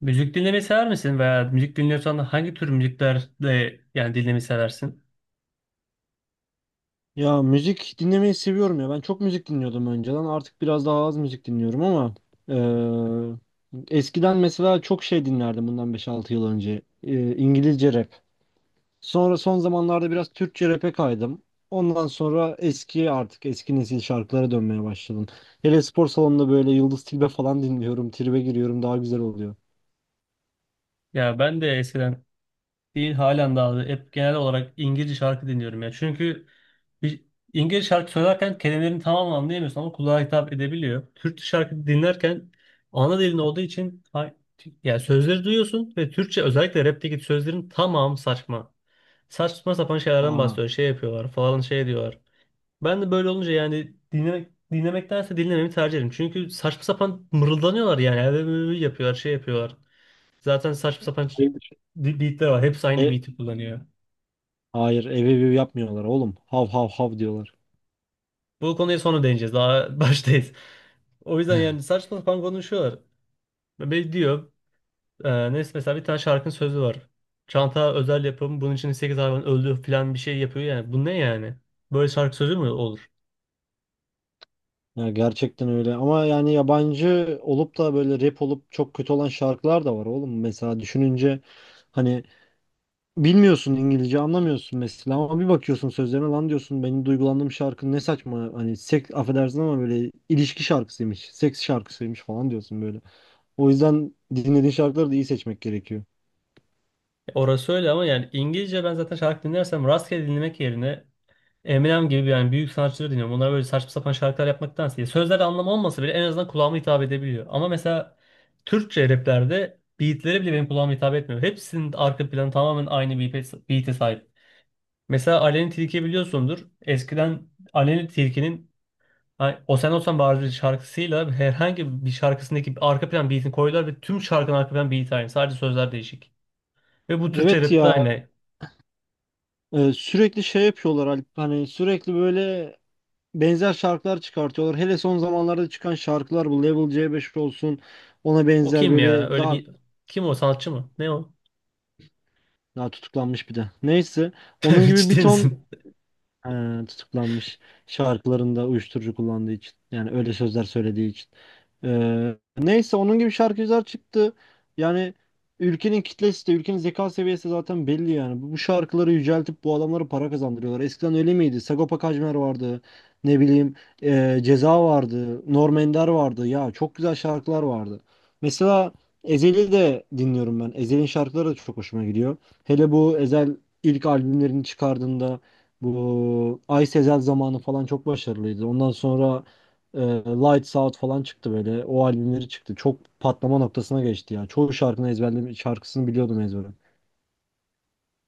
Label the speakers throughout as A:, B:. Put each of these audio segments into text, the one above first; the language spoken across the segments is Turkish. A: Müzik dinlemeyi sever misin veya müzik dinliyorsan da hangi tür müzikler de yani dinlemeyi seversin?
B: Ya müzik dinlemeyi seviyorum ya. Ben çok müzik dinliyordum önceden. Artık biraz daha az müzik dinliyorum, ama eee, eskiden mesela çok şey dinlerdim bundan beş altı yıl önce. İngilizce rap. Sonra son zamanlarda biraz Türkçe rap'e kaydım. Ondan sonra artık eski nesil şarkılara dönmeye başladım. Hele spor salonunda böyle Yıldız Tilbe falan dinliyorum. Tribe giriyorum, daha güzel oluyor.
A: Ya ben de eskiden değil halen daha hep genel olarak İngilizce şarkı dinliyorum ya. Çünkü bir İngilizce şarkı söylerken kelimelerin tamamen anlayamıyorsun ama kulağa hitap edebiliyor. Türkçe şarkı dinlerken ana dilin olduğu için yani sözleri duyuyorsun ve Türkçe özellikle rapteki sözlerin tamamı saçma. Saçma sapan şeylerden
B: Aa.
A: bahsediyor. Şey yapıyorlar falan şey diyorlar. Ben de böyle olunca yani dinlemek dinlemektense dinlememi tercih ederim. Çünkü saçma sapan mırıldanıyorlar yani. Ev yapıyorlar, şey yapıyorlar. Zaten saçma sapan
B: Hayır,
A: beatler var. Hepsi aynı
B: e-
A: beat'i kullanıyor.
B: hayır, ev ev ev yapmıyorlar oğlum. Hav hav hav diyorlar.
A: Bu konuya sonra değineceğiz. Daha baştayız. O yüzden yani saçma sapan konuşuyorlar. Ve diyor, Neyse, mesela bir tane şarkının sözü var. Çanta özel yapım, bunun için 8 hayvan öldü falan bir şey yapıyor yani. Bu ne yani? Böyle şarkı sözü mü olur?
B: Ya gerçekten öyle, ama yani yabancı olup da böyle rap olup çok kötü olan şarkılar da var oğlum. Mesela düşününce, hani bilmiyorsun, İngilizce anlamıyorsun mesela, ama bir bakıyorsun sözlerine, lan diyorsun, benim duygulandığım şarkı ne saçma, hani seks, affedersin ama, böyle ilişki şarkısıymış, seks şarkısıymış falan diyorsun böyle. O yüzden dinlediğin şarkıları da iyi seçmek gerekiyor.
A: Orası öyle ama yani İngilizce ben zaten şarkı dinlersem rastgele dinlemek yerine Eminem gibi yani büyük sanatçıları dinliyorum. Onlar böyle saçma sapan şarkılar yapmaktansa. Sözler anlamı olmasa bile en azından kulağıma hitap edebiliyor. Ama mesela Türkçe raplerde beatleri bile benim kulağıma hitap etmiyor. Hepsinin arka planı tamamen aynı beat'e sahip. Mesela Aleni Tilki'yi biliyorsundur. Eskiden Aleni Tilki'nin hani O Sen Olsan Bari şarkısıyla herhangi bir şarkısındaki arka plan beat'ini koydular ve tüm şarkının arka plan beat aynı. Sadece sözler değişik. Ve bu Türkçe
B: Evet
A: rapte de
B: ya,
A: aynı.
B: sürekli şey yapıyorlar Alp, hani sürekli böyle benzer şarkılar çıkartıyorlar. Hele son zamanlarda çıkan şarkılar, bu Level C5 olsun, ona
A: O
B: benzer
A: kim ya?
B: böyle,
A: Öyle
B: daha
A: bir... Kim o? Sanatçı mı? Ne o?
B: daha tutuklanmış bir de. Neyse. Onun gibi bir
A: Ciddi
B: ton.
A: misin?
B: Tutuklanmış şarkılarında uyuşturucu kullandığı için. Yani öyle sözler söylediği için. Neyse, onun gibi şarkıcılar çıktı. Yani ülkenin kitlesi de, ülkenin zeka seviyesi zaten belli yani. Bu şarkıları yüceltip bu adamlara para kazandırıyorlar. Eskiden öyle miydi? Sagopa Kajmer vardı. Ne bileyim, Ceza vardı. Norm Ender vardı. Ya, çok güzel şarkılar vardı. Mesela Ezhel'i de dinliyorum ben. Ezhel'in şarkıları da çok hoşuma gidiyor. Hele bu Ezhel ilk albümlerini çıkardığında, bu Ay sezel zamanı falan, çok başarılıydı. Ondan sonra e, Lights Out falan çıktı böyle. O albümleri çıktı. Çok patlama noktasına geçti ya. Çoğu şarkını ezberledim. Şarkısını biliyordum ezbere.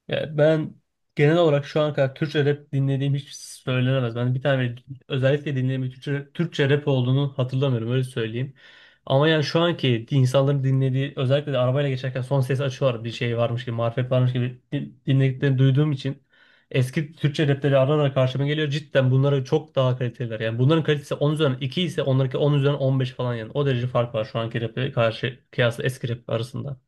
A: Ya ben genel olarak şu ana kadar Türkçe rap dinlediğim hiç söylenemez. Ben bir tane özellikle dinlediğim bir Türkçe rap olduğunu hatırlamıyorum öyle söyleyeyim. Ama yani şu anki insanların dinlediği özellikle de arabayla geçerken son ses açıyorlar bir şey varmış gibi marifet varmış gibi dinlediklerini duyduğum için eski Türkçe rapleri ara ara karşıma geliyor. Cidden bunlara çok daha kaliteliler. Yani bunların kalitesi 10 üzerinden 2 ise onlarınki 10 üzerinden 15 falan yani. O derece fark var şu anki rap'e karşı kıyasla eski rap arasında.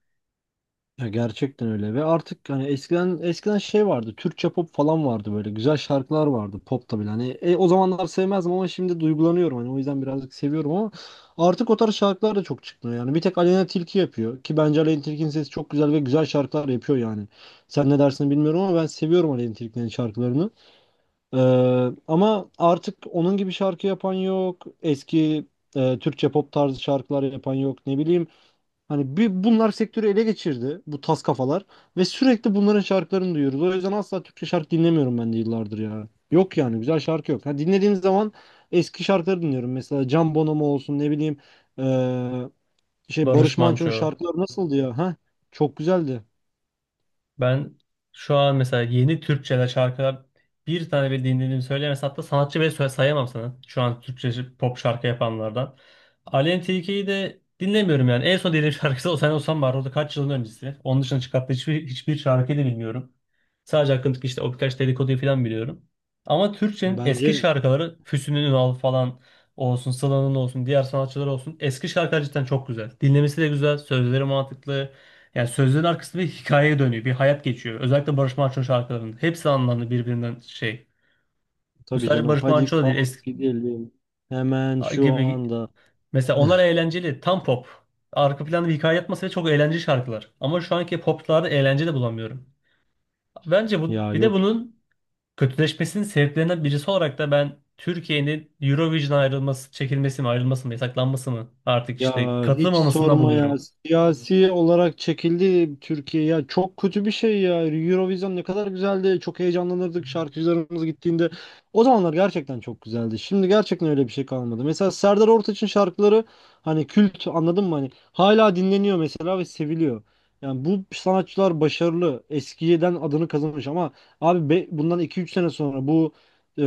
B: Ya gerçekten öyle, ve artık hani eskiden şey vardı, Türkçe pop falan vardı, böyle güzel şarkılar vardı, pop da hani, o zamanlar sevmezdim ama şimdi duygulanıyorum, hani o yüzden birazcık seviyorum, ama artık o tarz şarkılar da çok çıkmıyor yani, bir tek Aleyna Tilki yapıyor ki bence Aleyna Tilki'nin sesi çok güzel ve güzel şarkılar yapıyor yani, sen ne dersin bilmiyorum ama ben seviyorum Aleyna Tilki'nin şarkılarını. Ee, Ama artık onun gibi şarkı yapan yok, eski Türkçe pop tarzı şarkılar yapan yok, ne bileyim. Hani bir, bunlar sektörü ele geçirdi, bu tas kafalar, ve sürekli bunların şarkılarını duyuyoruz. O yüzden asla Türkçe şarkı dinlemiyorum ben de yıllardır ya. Yok yani, güzel şarkı yok. Ha, dinlediğim zaman eski şarkıları dinliyorum. Mesela Can Bonomo olsun, ne bileyim, eee, şey,
A: Barış
B: Barış Manço'nun
A: Manço,
B: şarkıları nasıldı ya? Ha? Çok güzeldi.
A: ben şu an mesela yeni Türkçe'de şarkılar bir tane bile dinlediğimi söyleyemezsem hatta sanatçı bile sayamam sana. Şu an Türkçe pop şarkı yapanlardan. Aleyna Tilki'yi de dinlemiyorum yani. En son dediğim şarkısı O Sen Olsan var. O da kaç yılın öncesi. Onun dışında çıkarttığı hiçbir şarkıyı da bilmiyorum. Sadece hakkındaki işte o birkaç dedikoduyu falan biliyorum. Ama Türkçe'nin eski
B: Bence
A: şarkıları Füsun'un Ünal falan olsun, Sıla'nın olsun, diğer sanatçılar olsun. Eski şarkılar cidden çok güzel. Dinlemesi de güzel, sözleri mantıklı. Yani sözlerin arkasında bir hikayeye dönüyor. Bir hayat geçiyor. Özellikle Barış Manço'nun şarkılarının. Hepsi anlamlı birbirinden şey. Bu
B: tabii
A: sadece
B: canım.
A: Barış
B: Hadi
A: Manço da değil.
B: kalk
A: Eski
B: gidelim. Hemen şu
A: gibi.
B: anda.
A: Mesela onlar eğlenceli. Tam pop. Arka planda bir hikaye yatması ve çok eğlenceli şarkılar. Ama şu anki poplarda eğlence de bulamıyorum. Bence bu
B: Ya
A: bir de
B: yok.
A: bunun kötüleşmesinin sebeplerinden birisi olarak da ben Türkiye'nin Eurovision ayrılması, çekilmesi mi, ayrılması mı, yasaklanması mı artık
B: Ya
A: işte
B: hiç
A: katılmamasından
B: sorma ya.
A: buluyorum.
B: Siyasi olarak çekildi Türkiye ya. Çok kötü bir şey ya. Eurovision ne kadar güzeldi. Çok heyecanlanırdık şarkıcılarımız gittiğinde. O zamanlar gerçekten çok güzeldi. Şimdi gerçekten öyle bir şey kalmadı. Mesela Serdar Ortaç'ın şarkıları, hani kült, anladın mı? Hani hala dinleniyor mesela, ve seviliyor. Yani bu sanatçılar başarılı. Eskiden adını kazanmış, ama abi bundan iki üç sene sonra bu,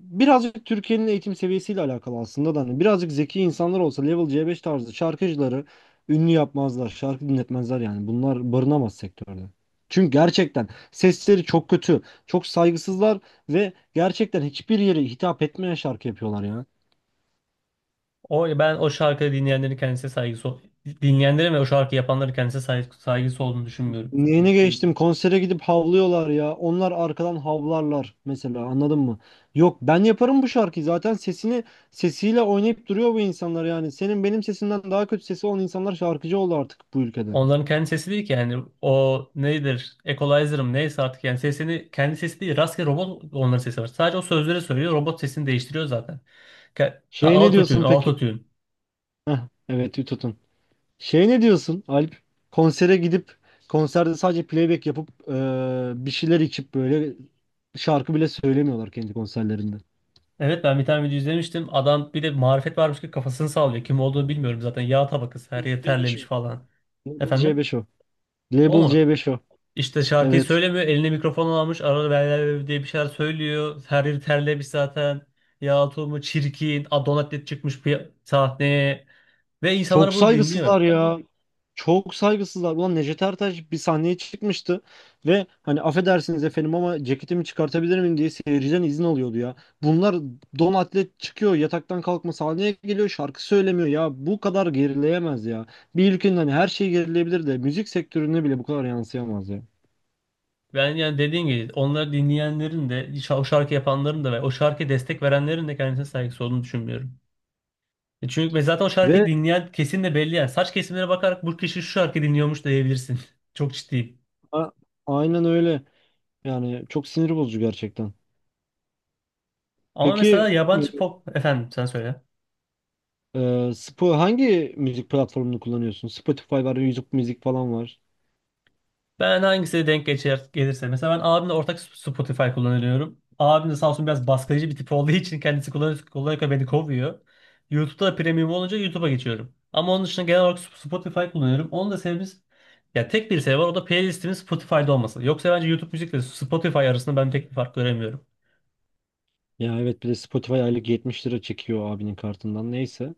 B: birazcık Türkiye'nin eğitim seviyesiyle alakalı aslında da, hani birazcık zeki insanlar olsa level C5 tarzı şarkıcıları ünlü yapmazlar, şarkı dinletmezler yani. Bunlar barınamaz sektörde. Çünkü gerçekten sesleri çok kötü, çok saygısızlar, ve gerçekten hiçbir yere hitap etmeyen şarkı yapıyorlar ya.
A: O ben o şarkıyı dinleyenlerin kendisine dinleyenlerin ve o şarkı yapanların kendisine saygısı olduğunu düşünmüyorum.
B: Neyine, geçtim konsere gidip havlıyorlar ya. Onlar arkadan havlarlar mesela, anladın mı? Yok, ben yaparım bu şarkıyı zaten, sesini, sesiyle oynayıp duruyor bu insanlar yani. Senin benim sesimden daha kötü sesi olan insanlar şarkıcı oldu artık bu ülkede.
A: Onların kendi sesi değil ki yani o nedir? Equalizer'ım neyse artık yani sesini kendi sesi değil rastgele robot onların sesi var. Sadece o sözleri söylüyor robot sesini değiştiriyor zaten. Ha,
B: Şeye ne
A: autotune
B: diyorsun peki?
A: autotune.
B: Heh, evet, tutun. Şeye ne diyorsun Alp? Konsere gidip konserde sadece playback yapıp bir şeyler içip böyle, şarkı bile söylemiyorlar kendi konserlerinde.
A: Evet ben bir tane video izlemiştim. Adam bir de marifet varmış ki kafasını sallıyor. Kim olduğunu bilmiyorum zaten. Yağ tabakası her
B: Label
A: yer
B: C5
A: terlemiş
B: o.
A: falan.
B: Label
A: Efendim?
B: C5 o.
A: O
B: Label
A: mu?
B: C5 o.
A: İşte şarkıyı
B: Evet.
A: söylemiyor. Eline mikrofon almış. Arada böyle diye bir şeyler söylüyor. Her yeri terlemiş zaten. Ya tulumu çirkin. Adonatet çıkmış sahneye. Ve insanlar
B: Çok
A: bunu dinliyor.
B: saygısızlar ya. Yani, çok saygısızlar. Ulan Necdet Ertaş bir sahneye çıkmıştı, ve hani affedersiniz efendim ama ceketimi çıkartabilir miyim diye seyirciden izin alıyordu ya. Bunlar don atlet çıkıyor, yataktan kalkma sahneye geliyor, şarkı söylemiyor ya. Bu kadar gerileyemez ya. Bir ülkenin, hani her şey gerilebilir de, müzik sektörüne bile bu kadar yansıyamaz ya.
A: Ben yani dediğim gibi onları dinleyenlerin de o şarkı yapanların da ve o şarkıya destek verenlerin de kendisine saygısı olduğunu düşünmüyorum. Çünkü ve zaten o şarkıyı
B: Ve
A: dinleyen kesin de belli yani. Saç kesimlere bakarak bu kişi şu şarkıyı dinliyormuş diyebilirsin. Çok ciddiyim.
B: a- aynen öyle. Yani çok sinir bozucu gerçekten.
A: Ama mesela
B: Peki
A: yabancı pop... Efendim sen söyle.
B: e, hangi müzik platformunu kullanıyorsun? Spotify var, YouTube müzik falan var.
A: Ben hangisine denk geçer, gelirse. Mesela ben abimle ortak Spotify kullanıyorum. Abim de sağ olsun biraz baskıcı bir tip olduğu için kendisi kullanıyor, kullanırken beni kovuyor. YouTube'da da premium olunca YouTube'a geçiyorum. Ama onun dışında genel olarak Spotify kullanıyorum. Onun da sebebimiz ya tek bir sebebi var o da playlistimin Spotify'da olması. Yoksa bence YouTube müzik müzikle Spotify arasında ben pek bir fark göremiyorum.
B: Ya evet, bir de Spotify aylık 70 lira çekiyor abinin kartından, neyse.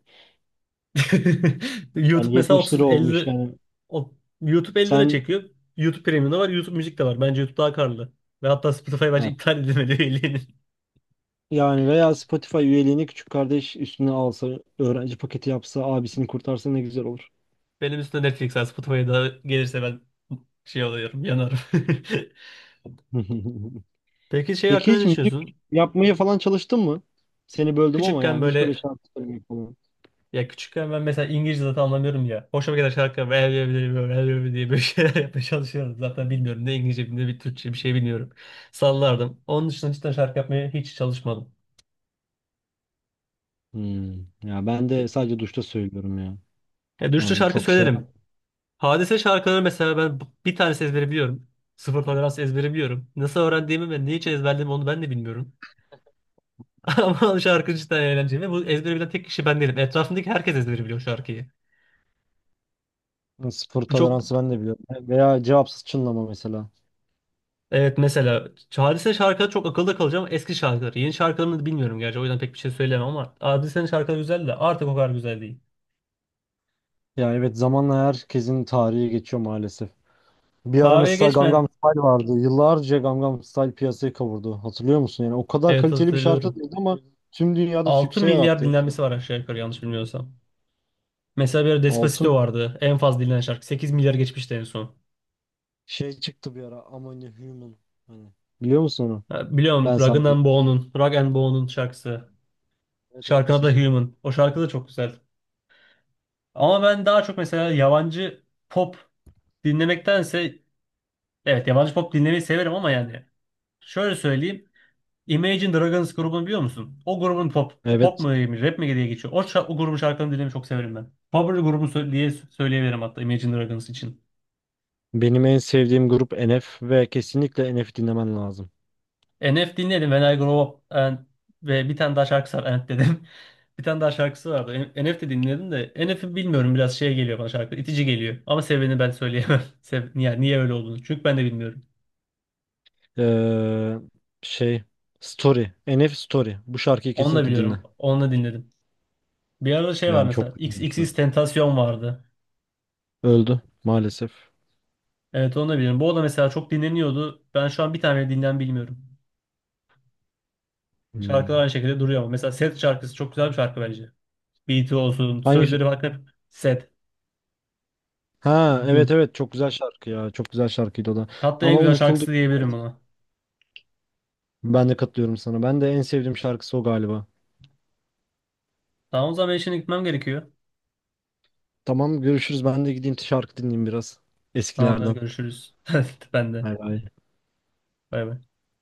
A: YouTube
B: Yani
A: mesela
B: 70 lira olmuş
A: 30-50
B: yani.
A: o- YouTube 50 lira
B: Sen
A: çekiyor. YouTube Premium'da var, YouTube Müzik de var. Bence YouTube daha karlı. Ve hatta Spotify bence
B: evet,
A: iptal edilmeli üyeliğini.
B: yani, veya Spotify üyeliğini küçük kardeş üstüne alsa, öğrenci paketi yapsa, abisini kurtarsa ne güzel olur.
A: Benim üstüne Netflix'e, Spotify'a da gelirse ben şey oluyorum, yanarım. Peki şey
B: Peki
A: hakkında ne
B: hiç müzik
A: düşünüyorsun?
B: yapmaya falan çalıştın mı? Seni böldüm ama,
A: Küçükken
B: yani hiç böyle
A: böyle
B: şarkı söylemek falan.
A: ya küçükken ben mesela İngilizce zaten anlamıyorum ya. Hoşuma giden şarkılar böyle böyle böyle böyle böyle diye böyle şeyler yapmaya çalışıyorum. Zaten bilmiyorum ne İngilizce ne bir Türkçe bir şey bilmiyorum. Sallardım. Onun dışında cidden şarkı yapmaya hiç çalışmadım.
B: Hmm, Ya ben de sadece duşta söylüyorum ya.
A: Ya dürüstçe
B: Yani
A: şarkı
B: çok şey.
A: söylerim. Hadise şarkıları mesela ben bir tanesi ezbere biliyorum. Sıfır tolerans ezbere biliyorum. Nasıl öğrendiğimi ve niçin ezberlediğimi onu ben de bilmiyorum. Ama şarkı cidden eğlenceli ve bu ezbere bilen tek kişi ben değilim. Etrafımdaki herkes ezbere biliyor şarkıyı.
B: Sıfır
A: Bu çok
B: toleransı ben de biliyorum. Veya cevapsız çınlama mesela.
A: evet mesela Hadise şarkıları çok akılda kalıcı ama eski şarkıları. Yeni şarkılarını da bilmiyorum gerçi o yüzden pek bir şey söyleyemem ama Hadise'nin şarkıları güzel de artık o kadar güzel değil.
B: Ya evet, zamanla herkesin tarihi geçiyor maalesef. Bir ara
A: Tarihe
B: mesela Gangnam
A: geçmen
B: Style vardı. Yıllarca Gangnam Style piyasayı kavurdu. Hatırlıyor musun? Yani o kadar
A: evet
B: kaliteli bir şarkı
A: hatırlıyorum.
B: değildi, ama tüm dünyada
A: 6
B: sükse
A: milyar
B: yarattı, ya
A: dinlenmesi var
B: şarkı.
A: aşağı yukarı yanlış bilmiyorsam. Mesela bir ara
B: Altın
A: Despacito vardı. En fazla dinlenen şarkı. 8 milyar geçmişti en son.
B: şey çıktı bir ara. Among a Human. Hani biliyor musun onu?
A: Ha, biliyorum
B: Ben sadece.
A: Rag and Bone'un şarkısı.
B: Evet
A: Şarkının
B: evet.
A: adı da Human. O şarkı da çok güzel. Ama ben daha çok mesela yabancı pop dinlemektense evet yabancı pop dinlemeyi severim ama yani şöyle söyleyeyim. Imagine Dragons grubunu biliyor musun? O grubun pop
B: Evet.
A: mu diyeyim, rap mi diye geçiyor. O, o grubun şarkılarını dinlemeyi çok severim ben. Favori grubum diye söyleyebilirim hatta Imagine Dragons için.
B: Benim en sevdiğim grup NF, ve kesinlikle NF dinlemen lazım.
A: NF dinledim When I Grow Up and, ve bir tane daha şarkısı var And dedim. Bir tane daha şarkısı vardı. NF de dinledim de NF'i bilmiyorum biraz şey geliyor bana şarkı itici geliyor. Ama sebebini ben söyleyemem. Yani niye öyle olduğunu. Çünkü ben de bilmiyorum.
B: Ee, Şey Story. NF Story. Bu şarkıyı
A: Onu da
B: kesinlikle
A: biliyorum.
B: dinle.
A: Onu da dinledim. Bir arada şey var
B: Yani çok
A: mesela.
B: güzel bir
A: XXX
B: şarkı.
A: Tentasyon vardı.
B: Öldü maalesef.
A: Evet onu da biliyorum. Bu da mesela çok dinleniyordu. Ben şu an bir tane dinlen bilmiyorum. Şarkılar
B: Hmm.
A: aynı şekilde duruyor ama. Mesela Set şarkısı çok güzel bir şarkı bence. Beat'i olsun.
B: Hangi
A: Sözleri bak hep Set.
B: Ha, evet
A: Gün.
B: evet, çok güzel şarkı ya. Çok güzel şarkıydı o da.
A: Hatta en
B: Ama
A: güzel
B: unutuldu.
A: şarkısı diyebilirim buna.
B: Ben de katılıyorum sana. Ben de en sevdiğim şarkısı o galiba.
A: Tamam o zaman ben şimdi gitmem gerekiyor.
B: Tamam görüşürüz. Ben de gideyim şarkı dinleyeyim biraz.
A: Tamamdır
B: Eskilerden.
A: görüşürüz. Ben de.
B: Bay bay.
A: Bay bay.